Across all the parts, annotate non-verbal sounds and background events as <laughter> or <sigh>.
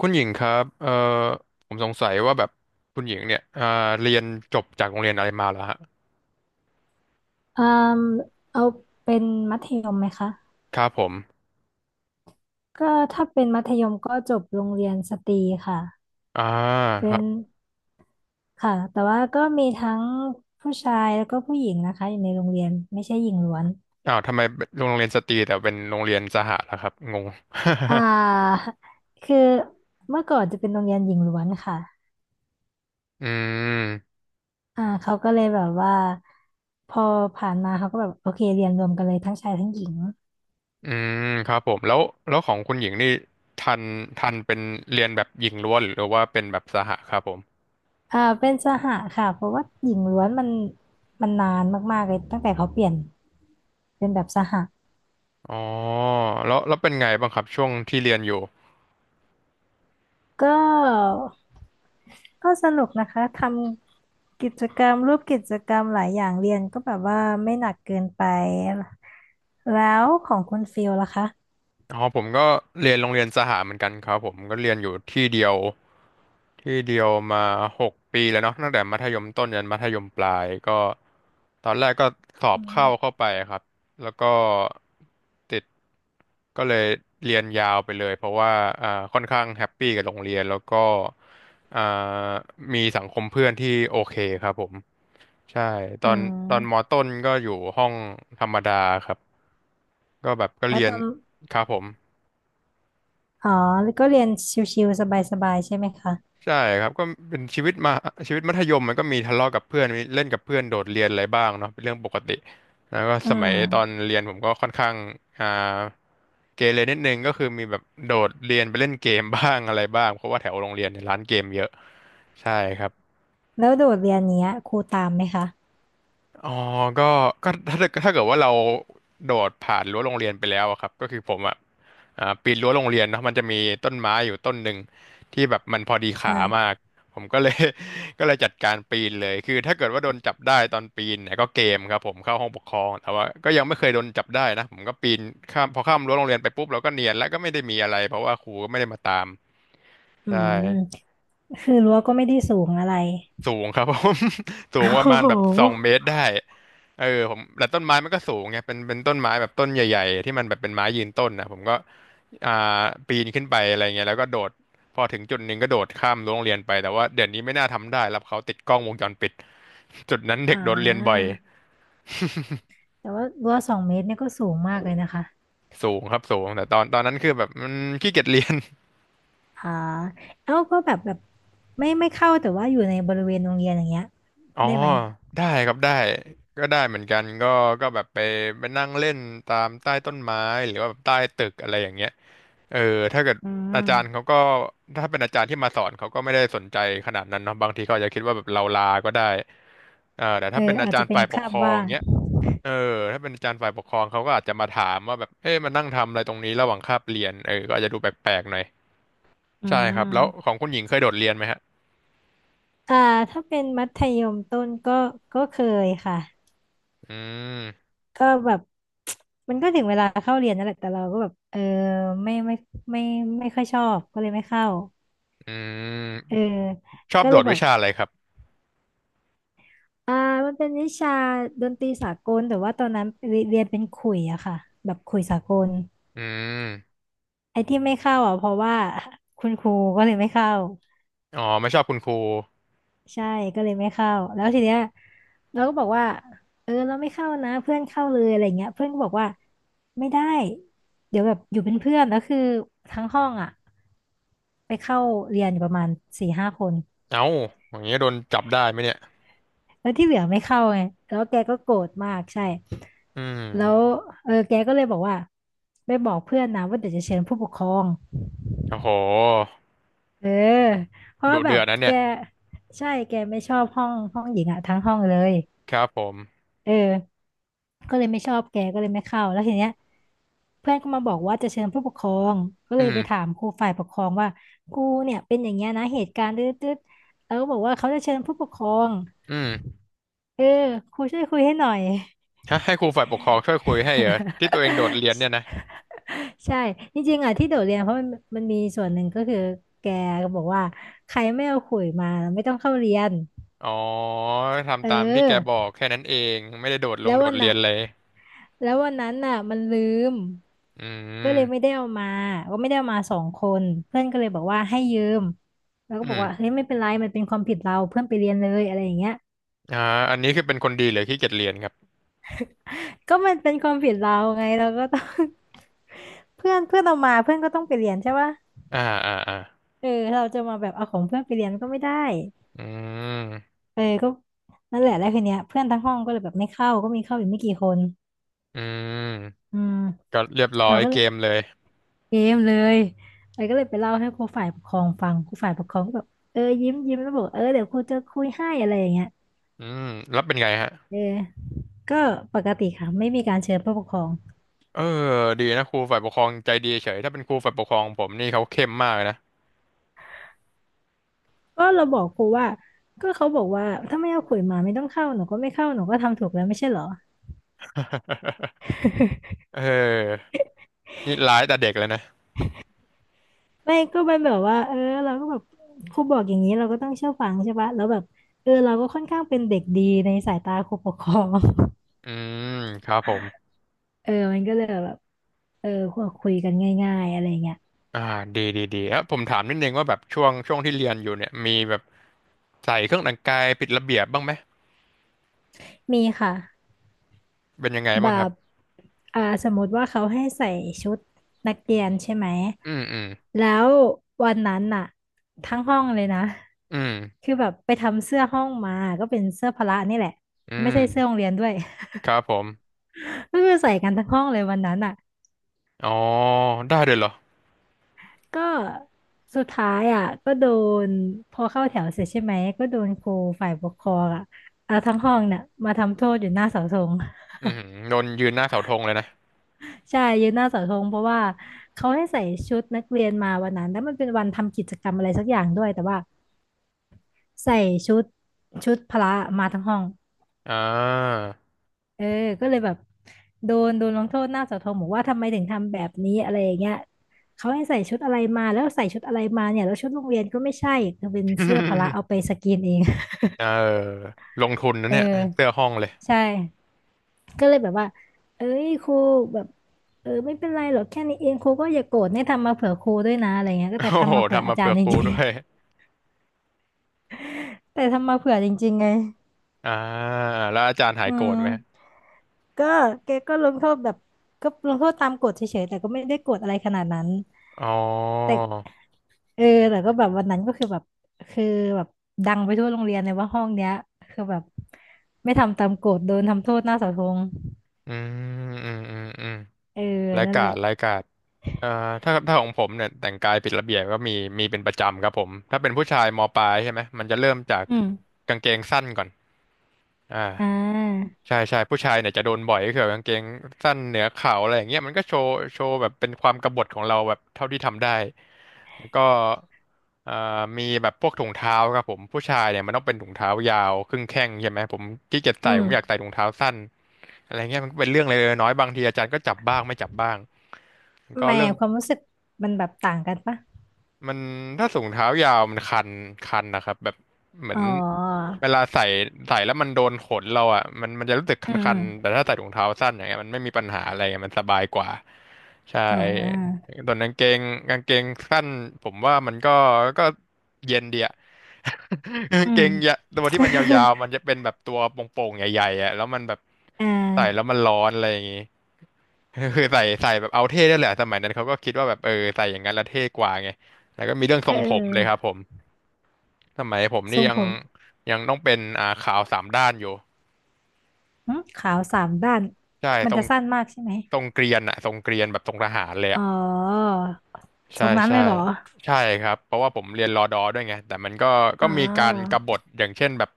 คุณหญิงครับผมสงสัยว่าแบบคุณหญิงเนี่ยเรียนจบจากโรงเรียนอะไรมาเหรอฮะอืมเอาเป็นมัธยมไหมคะครับผมก็ถ้าเป็นมัธยมก็จบโรงเรียนสตรีค่ะอ่าคเป็รันบค่ะแต่ว่าก็มีทั้งผู้ชายแล้วก็ผู้หญิงนะคะอยู่ในโรงเรียนไม่ใช่หญิงล้วนอ้าวทำไมโรงเรียนสตรีแต่เป็นโรงเรียนสหะล่ะครับงง อ่าคือเมื่อก่อนจะเป็นโรงเรียนหญิงล้วนค่ะ <laughs> อืมอ่าเขาก็เลยแบบว่าพอผ่านมาเขาก็แบบโอเคเรียนรวมกันเลยทั้งชายทั้งหญิง อืมครับผมแล้วของคุณหญิงนี่ทันทันเป็นเรียนแบบหญิงล้วนหรือว่าเป็นแบบสหะครับผมอ่าเป็นสหค่ะเพราะว่าหญิงล้วนมันนานมากๆเลยตั้งแต่เขาเปลี่ยนเป็นแบบสหอ๋อแล้วเป็นไงบ้างครับช่วงที่เรียนอยู่ ก็ก็สนุกนะคะทำกิจกรรมรูปกิจกรรมหลายอย่างเรียนก็แบบว่าไม่หนักเกินไปแล้วของคุณฟิลล่ะคะอ๋อผมก็เรียนโรงเรียนสหเหมือนกันครับผมก็เรียนอยู่ที่เดียวมาหกปีแล้วเนาะตั้งแต่มัธยมต้นยันมัธยมปลายก็ตอนแรกก็สออืบมเข้าไปครับแล้วก็ติดก็เลยเรียนยาวไปเลยเพราะว่าอ่าค่อนข้างแฮปปี้กับโรงเรียนแล้วก็อ่ามีสังคมเพื่อนที่โอเคครับผมใช่ตออืนมอมต้นก็อยู่ห้องธรรมดาครับก็แบบก็แล้วเรียตน อนครับผมอ๋อแล้วก็เรียนชิวๆสบายๆใช่ไหมคะใช่ครับก็เป็นชีวิตมาชีวิตมัธยมมันก็มีทะเลาะกับเพื่อนมีเล่นกับเพื่อนโดดเรียนอะไรบ้างเนาะเป็นเรื่องปกติแล้วก็อืสมัยตอนมเรียนผมก็ค่อนข้างอ่าเกเรนิดนึงก็คือมีแบบโดดเรียนไปเล่นเกมบ้างอะไรบ้างเพราะว่าแถวโรงเรียนเนี่ยร้านเกมเยอะใช่ครับ แล้วโดดเรียนเนี้ยครูตามไหมคะอ๋อก็ถ้าเกิดว่าเราโดดผ่านรั้วโรงเรียนไปแล้วอะครับก็คือผมอ่ะปีนรั้วโรงเรียนเนาะมันจะมีต้นไม้อยู่ต้นหนึ่งที่แบบมันพอดีขามาอ่า ก ผมก็เลย <laughs> ก็เลยจัดการปีนเลยคือถ้าเกิดว่าโดนจับได้ตอนปีนเนี่ยก็เกมครับผมเข้าห้องปกครองแต่ว่าก็ยังไม่เคยโดนจับได้นะผมก็ปีนข้ามพอข้ามรั้วโรงเรียนไปปุ๊บเราก็เนียนแล้วก็ไม่ได้มีอะไรเพราะว่าครูก็ไม่ได้มาตามอืใช่ มคือรั้วก็ไม่ได้สูงอะไรสูงครับผม <laughs> สูโองประ้มาณโหแบบสองเมตรได้เออผมแต่ต้นไม้มันก็สูงไงเป็นต้นไม้แบบต้นใหญ่ๆที่มันแบบเป็นไม้ยืนต้นนะผมก็อ่าปีนขึ้นไปอะไรเงี้ยแล้วก็โดดพอถึงจุดหนึ่งก็โดดข้ามรั้วโรงเรียนไปแต่ว่าเดี๋ยวนี้ไม่น่าทำได้รับเขาติดกล้องวงจรปิดจุดนั้นเด็กอ่าโดดเรียนบ่อยแต่ว่ารั้วสองเมตรเนี่ยก็สูงมากเลยนะคะสูงครับสูงแต่ตอนนั้นคือแบบมันขี้เกียจเรียน อ่าเอ้าก็แบบไม่เข้าแต่ว่าอยู่ในบริเวณโรงเรียนอย่างเงี้ยอ๋อได้ไหมได้ครับได้ก็ได้เหมือนกันก็ก็แบบไปนั่งเล่นตามใต้ต้นไม้หรือว่าแบบใต้ตึกอะไรอย่างเงี้ยเออถ้าเกิดอือาจารย์เขามก็ถ้าเป็นอาจารย์ที่มาสอนเขาก็ไม่ได้สนใจขนาดนั้นเนาะบางทีเขาอาจจะคิดว่าแบบเราลาก็ได้เออแต่เอถ้าอเป็นอาอาจจาจะรย์เป็นฝ่ายปกคาคบรองบ้างเงี้ยเออถ้าเป็นอาจารย์ฝ่ายปกครองเขาก็อาจจะมาถามว่าแบบเอ๊ะมานั่งทำอะไรตรงนี้ระหว่างคาบเรียนเออก็อาจจะดูแปลกๆหน่อยอืใช่ครับแล้วขมองคุณหญิงเคยโดดเรียนไหมฮะอ่าถ้าเป็นมัธยมต้นก็ก็เคยค่ะอืมก็แบบ <tsk> มันก็ถึงเวลาเข้าเรียนนั่นแหละแต่เราก็แบบเออไม่ไม่ไม่ค่อยชอบก็เลยไม่เข้าอืเออมชอบก็โดเลยดบอวิก ชาอะไรครับ อ่ามันเป็นวิชาดนตรีสากลแต่ว่าตอนนั้นเรียนเป็นขลุ่ยอะค่ะแบบขลุ่ยสากลอืมไอ้ที่ไม่เข้าอะเพราะว่าคุณครูก็เลยไม่เข้าอ๋อไม่ชอบคุณครูใช่ก็เลยไม่เข้าแล้วทีเนี้ยเราก็บอกว่าเออเราไม่เข้านะเพื่อนเข้าเลยอะไรเงี้ยเพื่อนก็บอกว่าไม่ได้เดี๋ยวแบบอยู่เป็นเพื่อนแล้วคือทั้งห้องอะไปเข้าเรียนอยู่ประมาณสี่ห้าคน เอ้าอย่างเงี้ยโดนจับได้ไหมเนี่ยแล้วที่เหลือไม่เข้าไงแล้วแกก็โกรธมากใช่อืแล้วมเออแกก็เลยบอกว่าไปบอกเพื่อนนะว่าเดี๋ยวจะเชิญผู้ปกครองโอ้โหเออเพราะดุว่าแบเดือบดนะแกเนี่ยใช่แกไม่ชอบห้องหญิงอะทั้งห้องเลย ครับผมเออก็เลยไม่ชอบแกก็เลยไม่เข้าแล้วทีเนี้ยเพื่อนก็มาบอกว่าจะเชิญผู้ปกครองก็อืเลยมไปถามครูฝ่ายปกครองว่ากูเนี่ยเป็นอย่างเงี้ยนะเหตุการณ์ตืดๆแล้วก็บอกว่าเขาจะเชิญผู้ปกครองอืมเออครูช่วยคุยให้หน่อย ฮะให้ครูฝ่ายปกครองช่วยคุยให้เหรอที่ตัวเองโดดเรียนเนี่ยนะ <laughs> ใช่จริงๆอ่ะที่โดดเรียนเพราะมันมีส่วนหนึ่งก็คือแกก็บอกว่าใครไม่เอาขลุยมาไม่ต้องเข้าเรียนอ๋อเอทำอตามที่แกบอกแค่นั้นเอง ไม่ได้โดดลงแล้วโดวัดนเรียน่ะนเลยแล้ววันนั้นน่ะมันลืมอืก็เลยไม่มได้เอามาก็ไม่ได้เอามาสองคนเพื่อนก็เลยบอกว่าให้ยืมแล้วก็อืบอกว่าเฮ้มยไม่เป็นไรมันเป็นความผิดเราเพื่อนไปเรียนเลยอะไรอย่างเงี้ยอ่าอันนี้คือเป็นคนดีหรือขี้เกียจเรียนครับก็มันเป็นความผิดเราไงเราก็ต้อง <laughs> เพื่อนเพื่อนเอามาเพื่อนก็ต้องไปเรียนใช่ปะอ่าอ่าอ่าเออเราจะมาแบบเอาของเพื่อนไปเรียนก็ไม่ได้ อืมเออก็นั่นแหละแล้วคืนเนี้ยเพื่อนทั้งห้องก็เลยแบบไม่เข้าก็มีเข้าอีกไม่กี่คนอืมอืมก็เรียบร้อเรายก็เลเกยมเลยเกมเลยไอ้ก็เลยไปเล่าให้ครูฝ่ายปกครองฟังครูฝ่ายปกครองก็แบบเออยิ้มยิ้มแล้วบอกเออเดี๋ยวครูจะคุยให้อะไรอย่างเงี้ยอืมแล้วเป็นไงฮะ เออก็ปกติค่ะไม่มีการเชิญผู้ปกครองเออดีนะครูฝ่ายปกครองใจดีเฉยถ้าเป็นครูฝ่ายปกครองผมนี่เขาเข้มมากเลยนะ ก็เราบอกครูว่าก็เขาบอกว่าถ้าไม่เอาขลุยมาไม่ต้องเข้าหนูก็ไม่เข้าหนูก็ทำถูกแล้วไม่ใช่เหรอ <laughs> เออนี่ร้ายแต่เด็กเลยนะไม่ก็มันแบบว่าเออเราก็แบบครูบอกอย่างนี้เราก็ต้องเชื่อฟังใช่ปะแล้วแบบเออเราก็ค่อนข้างเป็นเด็กดีในสายตาครูปกครอง อืมครับผม <laughs> เออมันก็เลยแบบเออคุยกันง่ายๆอะไรเงี้ยอ่าดีดีดีแล้วผมถามนิดนึงว่าแบบช่วงที่เรียนอยู่เนี่ยมีแบบใส่เครื่องแต่งกายผิดระเบียบบ้างไหมมีค่ะเป็นยังไงแบบ้างครับบอ่าสมมติว่าเขาให้ใส่ชุดนักเรียนใช่ไหมอืมอืมแล้ววันนั้นน่ะทั้งห้องเลยนะอืมคือแบบไปทำเสื้อห้องมาก็เป็นเสื้อพละนี่แหละอืไม่ใช่เสื้อโรงมเรียนด้วย ครับผม <laughs> ก็คือใส่กันทั้งห้องเลยวันนั้นอ่ะ อ๋อได้เลยเหรอก็สุดท้ายอ่ะก็โดนพอเข้าแถวเสร็จใช่ไหมก็โดนครูฝ่ายปกครองอ่ะเอาทั้งห้องเนี่ยมาทำโทษอยู่หน้าเสาธง อืมโดนยืนหน้าเสาธงเลยนะ <laughs> ใช่ยืนหน้าเสาธงเพราะว่าเขาให้ใส่ชุดนักเรียนมาวันนั้นแล้วมันเป็นวันทำกิจกรรมอะไรสักอย่างด้วยแต่ว่าใส่ชุดชุดพละมาทั้งห้องอ่า เออก็เลยแบบโดนลงโทษหน้าเสาธงบอกว่าทำไมถึงทำแบบนี้อะไรอย่างเงี้ยเขาให้ใส่ชุดอะไรมาแล้วใส่ชุดอะไรมาเนี่ยแล้วชุดโรงเรียนก็ไม่ใช่เป็น <laughs> เสื้อพละเอาไปสกรีนเอง เออลงทุนนะเอเนี่ยอเสื้อห้องเลย ใช่ก็เลยแบบว่าเอ้ยครูแบบเออไม่เป็นไรหรอกแค่นี้เองครูก็อย่าโกรธเนี่ยทำมาเผื่อครูด้วยนะอะไรเงี้ยก็โอ้แต่โหทำมาเผื่อทำอามาจารเผื่อย์จครูริงด้วย ๆ <laughs> แต่ทำมาเผื่อจริงๆไง <laughs> อ่าแล้วอาจารย์หายอืโกรมธไหม ก็แกก็ลงโทษแบบก็ลงโทษตามกฎเฉยๆแต่ก็ไม่ได้โกรธอะไรขนาดนั้นอ๋อ แต่เออแต่ก็แบบวันนั้นก็คือแบบคือแบบดังไปทั่วโรงเรียนเลยว่าห้องเนี้ยคือแบบไม่ทำตามกฎโดนทำโทษหน้าเสาธงอืม อืม อืมอืมเออรายนั่นกาแหรละเอ่อถ้าของผมเนี่ยแต่งกายผิดระเบียบก็มีมีเป็นประจำครับผมถ้าเป็นผู้ชายมปลายใช่ไหมมันจะเริ่มจากอืม กางเกงสั้นก่อน อ่าอ่าใช่ใช่ผู้ชายเนี่ยจะโดนบ่อยก็คือแบบกางเกงสั้นเหนือเข่าอะไรอย่างเงี้ยมันก็โชว์แบบเป็นความกบฏของเราแบบเท่าที่ทำได้แล้วก็เอ่อมีแบบพวกถุงเท้าครับผมผู้ชายเนี่ยมันต้องเป็นถุงเท้ายาวครึ่งแข้งใช่ไหมผมขี้เกียจอืใส่มผมอยากใส่ถุงเท้าสั้นอะไรเงี้ยมันก็เป็นเรื่องเล็กๆน้อยๆบางทีอาจารย์ก็จับบ้างไม่จับบ้างแล้วก็แหม่เรื่อง ความรู้สึกมันแบบต่างกันปะมันถ้าสูงเท้ายาวมันคันคันนะครับแบบอืเหมมืมออ๋อนเวลาใส่แล้วมันโดนขนเราอ่ะมันจะรู้สึกคอืันๆแต่มถ้าใส่ถุงเท้าสั้นอย่างเงี้ยมันไม่มีปัญหาอะไรมันสบายกว่าใช่อมอ๋อส่วนกางเกงสั้นผมว่ามันก็เย็นดีอะ <laughs> กาอืงเกงยะมตัวที่มันยาวๆมันจะเป็นแบบตัวโป่งๆใหญ่ๆอ่ะแล้วมันแบบอ่ใส่แล้วามันร้อนอะไรอย่างงี้ <laughs> คือใส่แบบเอาเท่ได้แหละสมัยนั้นเขาก็คิดว่าแบบเออใส่อย่างนั้นแล้วเท่กว่าไง แล้วก็มีเรื่องทเรงผมเลยครับออผมสมัยผมทรนี่งยัผงมยังต้องเป็นขาวสามด้านอยู่หึขาวสามด้าน ใช่มันทรงจะสั้นมากใช่ไหมทรงเกรียนอะทรงเกรียนแบบทรงทหารเลยอ๋อะอทใช่รงนั้นเลใช่ยเหรอ ใช่ครับเพราะว่าผมเรียนรอดอด้วยไงแต่มันก็อ๋อมีการกบฏอย่างเช่นแบบ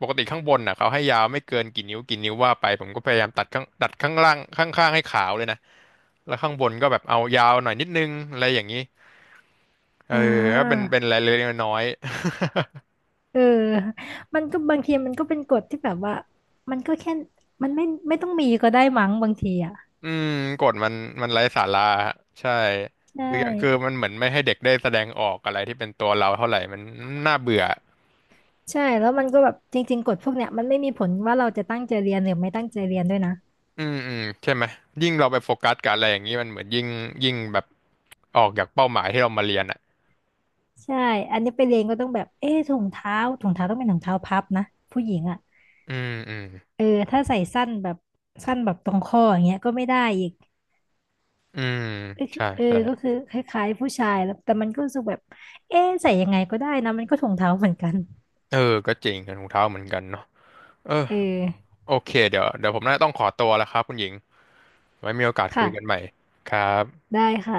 ปกติข้างบนอ่ะเขาให้ยาวไม่เกินกี่นิ้วกี่นิ้วว่าไปผมก็พยายามตัดข้างล่างข้างให้ขาวเลยนะแล้วข้างบนก็แบบเอายาวหน่อยนิดนึงอะไรอย่างนี้เอออ่ก็เป็นาเป็นรายละเล็กน้อย เออมันก็บางทีมันก็เป็นกฎที่แบบว่า มันก็แค่มันไม่ไม่ต้องมีก็ได้มั้งบางทีอ่ะอืมกฎมันไร้สาระฮะใช่ใช่ คืออย่างคือมันเหมือนไม่ให้เด็กได้แสดงออกอะไรที่เป็นตัวเราเท่าไหร่มันน่าเบื่อใช่แล้วมันก็แบบจริงๆกฎพวกเนี้ยมันไม่มีผลว่าเราจะตั้งใจเรียนหรือไม่ตั้งใจเรียนด้วยนะอืมอืมใช่ไหมยิ่งเราไปโฟกัสกับอะไรอย่างนี้มันเหมือนยิ่งแบบออกจากเป้าหมายที่เรามาเรียนอ่ะใช่อันนี้ไปเรียนก็ต้องแบบเอ๊ะถุงเท้าต้องเป็นถุงเท้าพับนะผู้หญิงอ่ะอืมอืมเออถ้าใส่สั้นแบบสั้นแบบตรงข้ออย่างเงี้ยก็ไม่ได้อีกอืมใช่เออใช่ก็คือคล้ายๆผู้ชายแล้วแต่มันก็รู้สึกแบบเอ๊ะใส่ยังไงก็ได้นะมันก็ถุงเท้าเหมือนกันเออก็จริงถุงเท้าเหมือนกันเนาะเออเออโอเคเดี๋ยวเดี๋ยวผมน่าจะต้องขอตัวแล้วครับคุณหญิงไว้มีโอกาสคุค่ะยกันใหม่ครับได้ค่ะ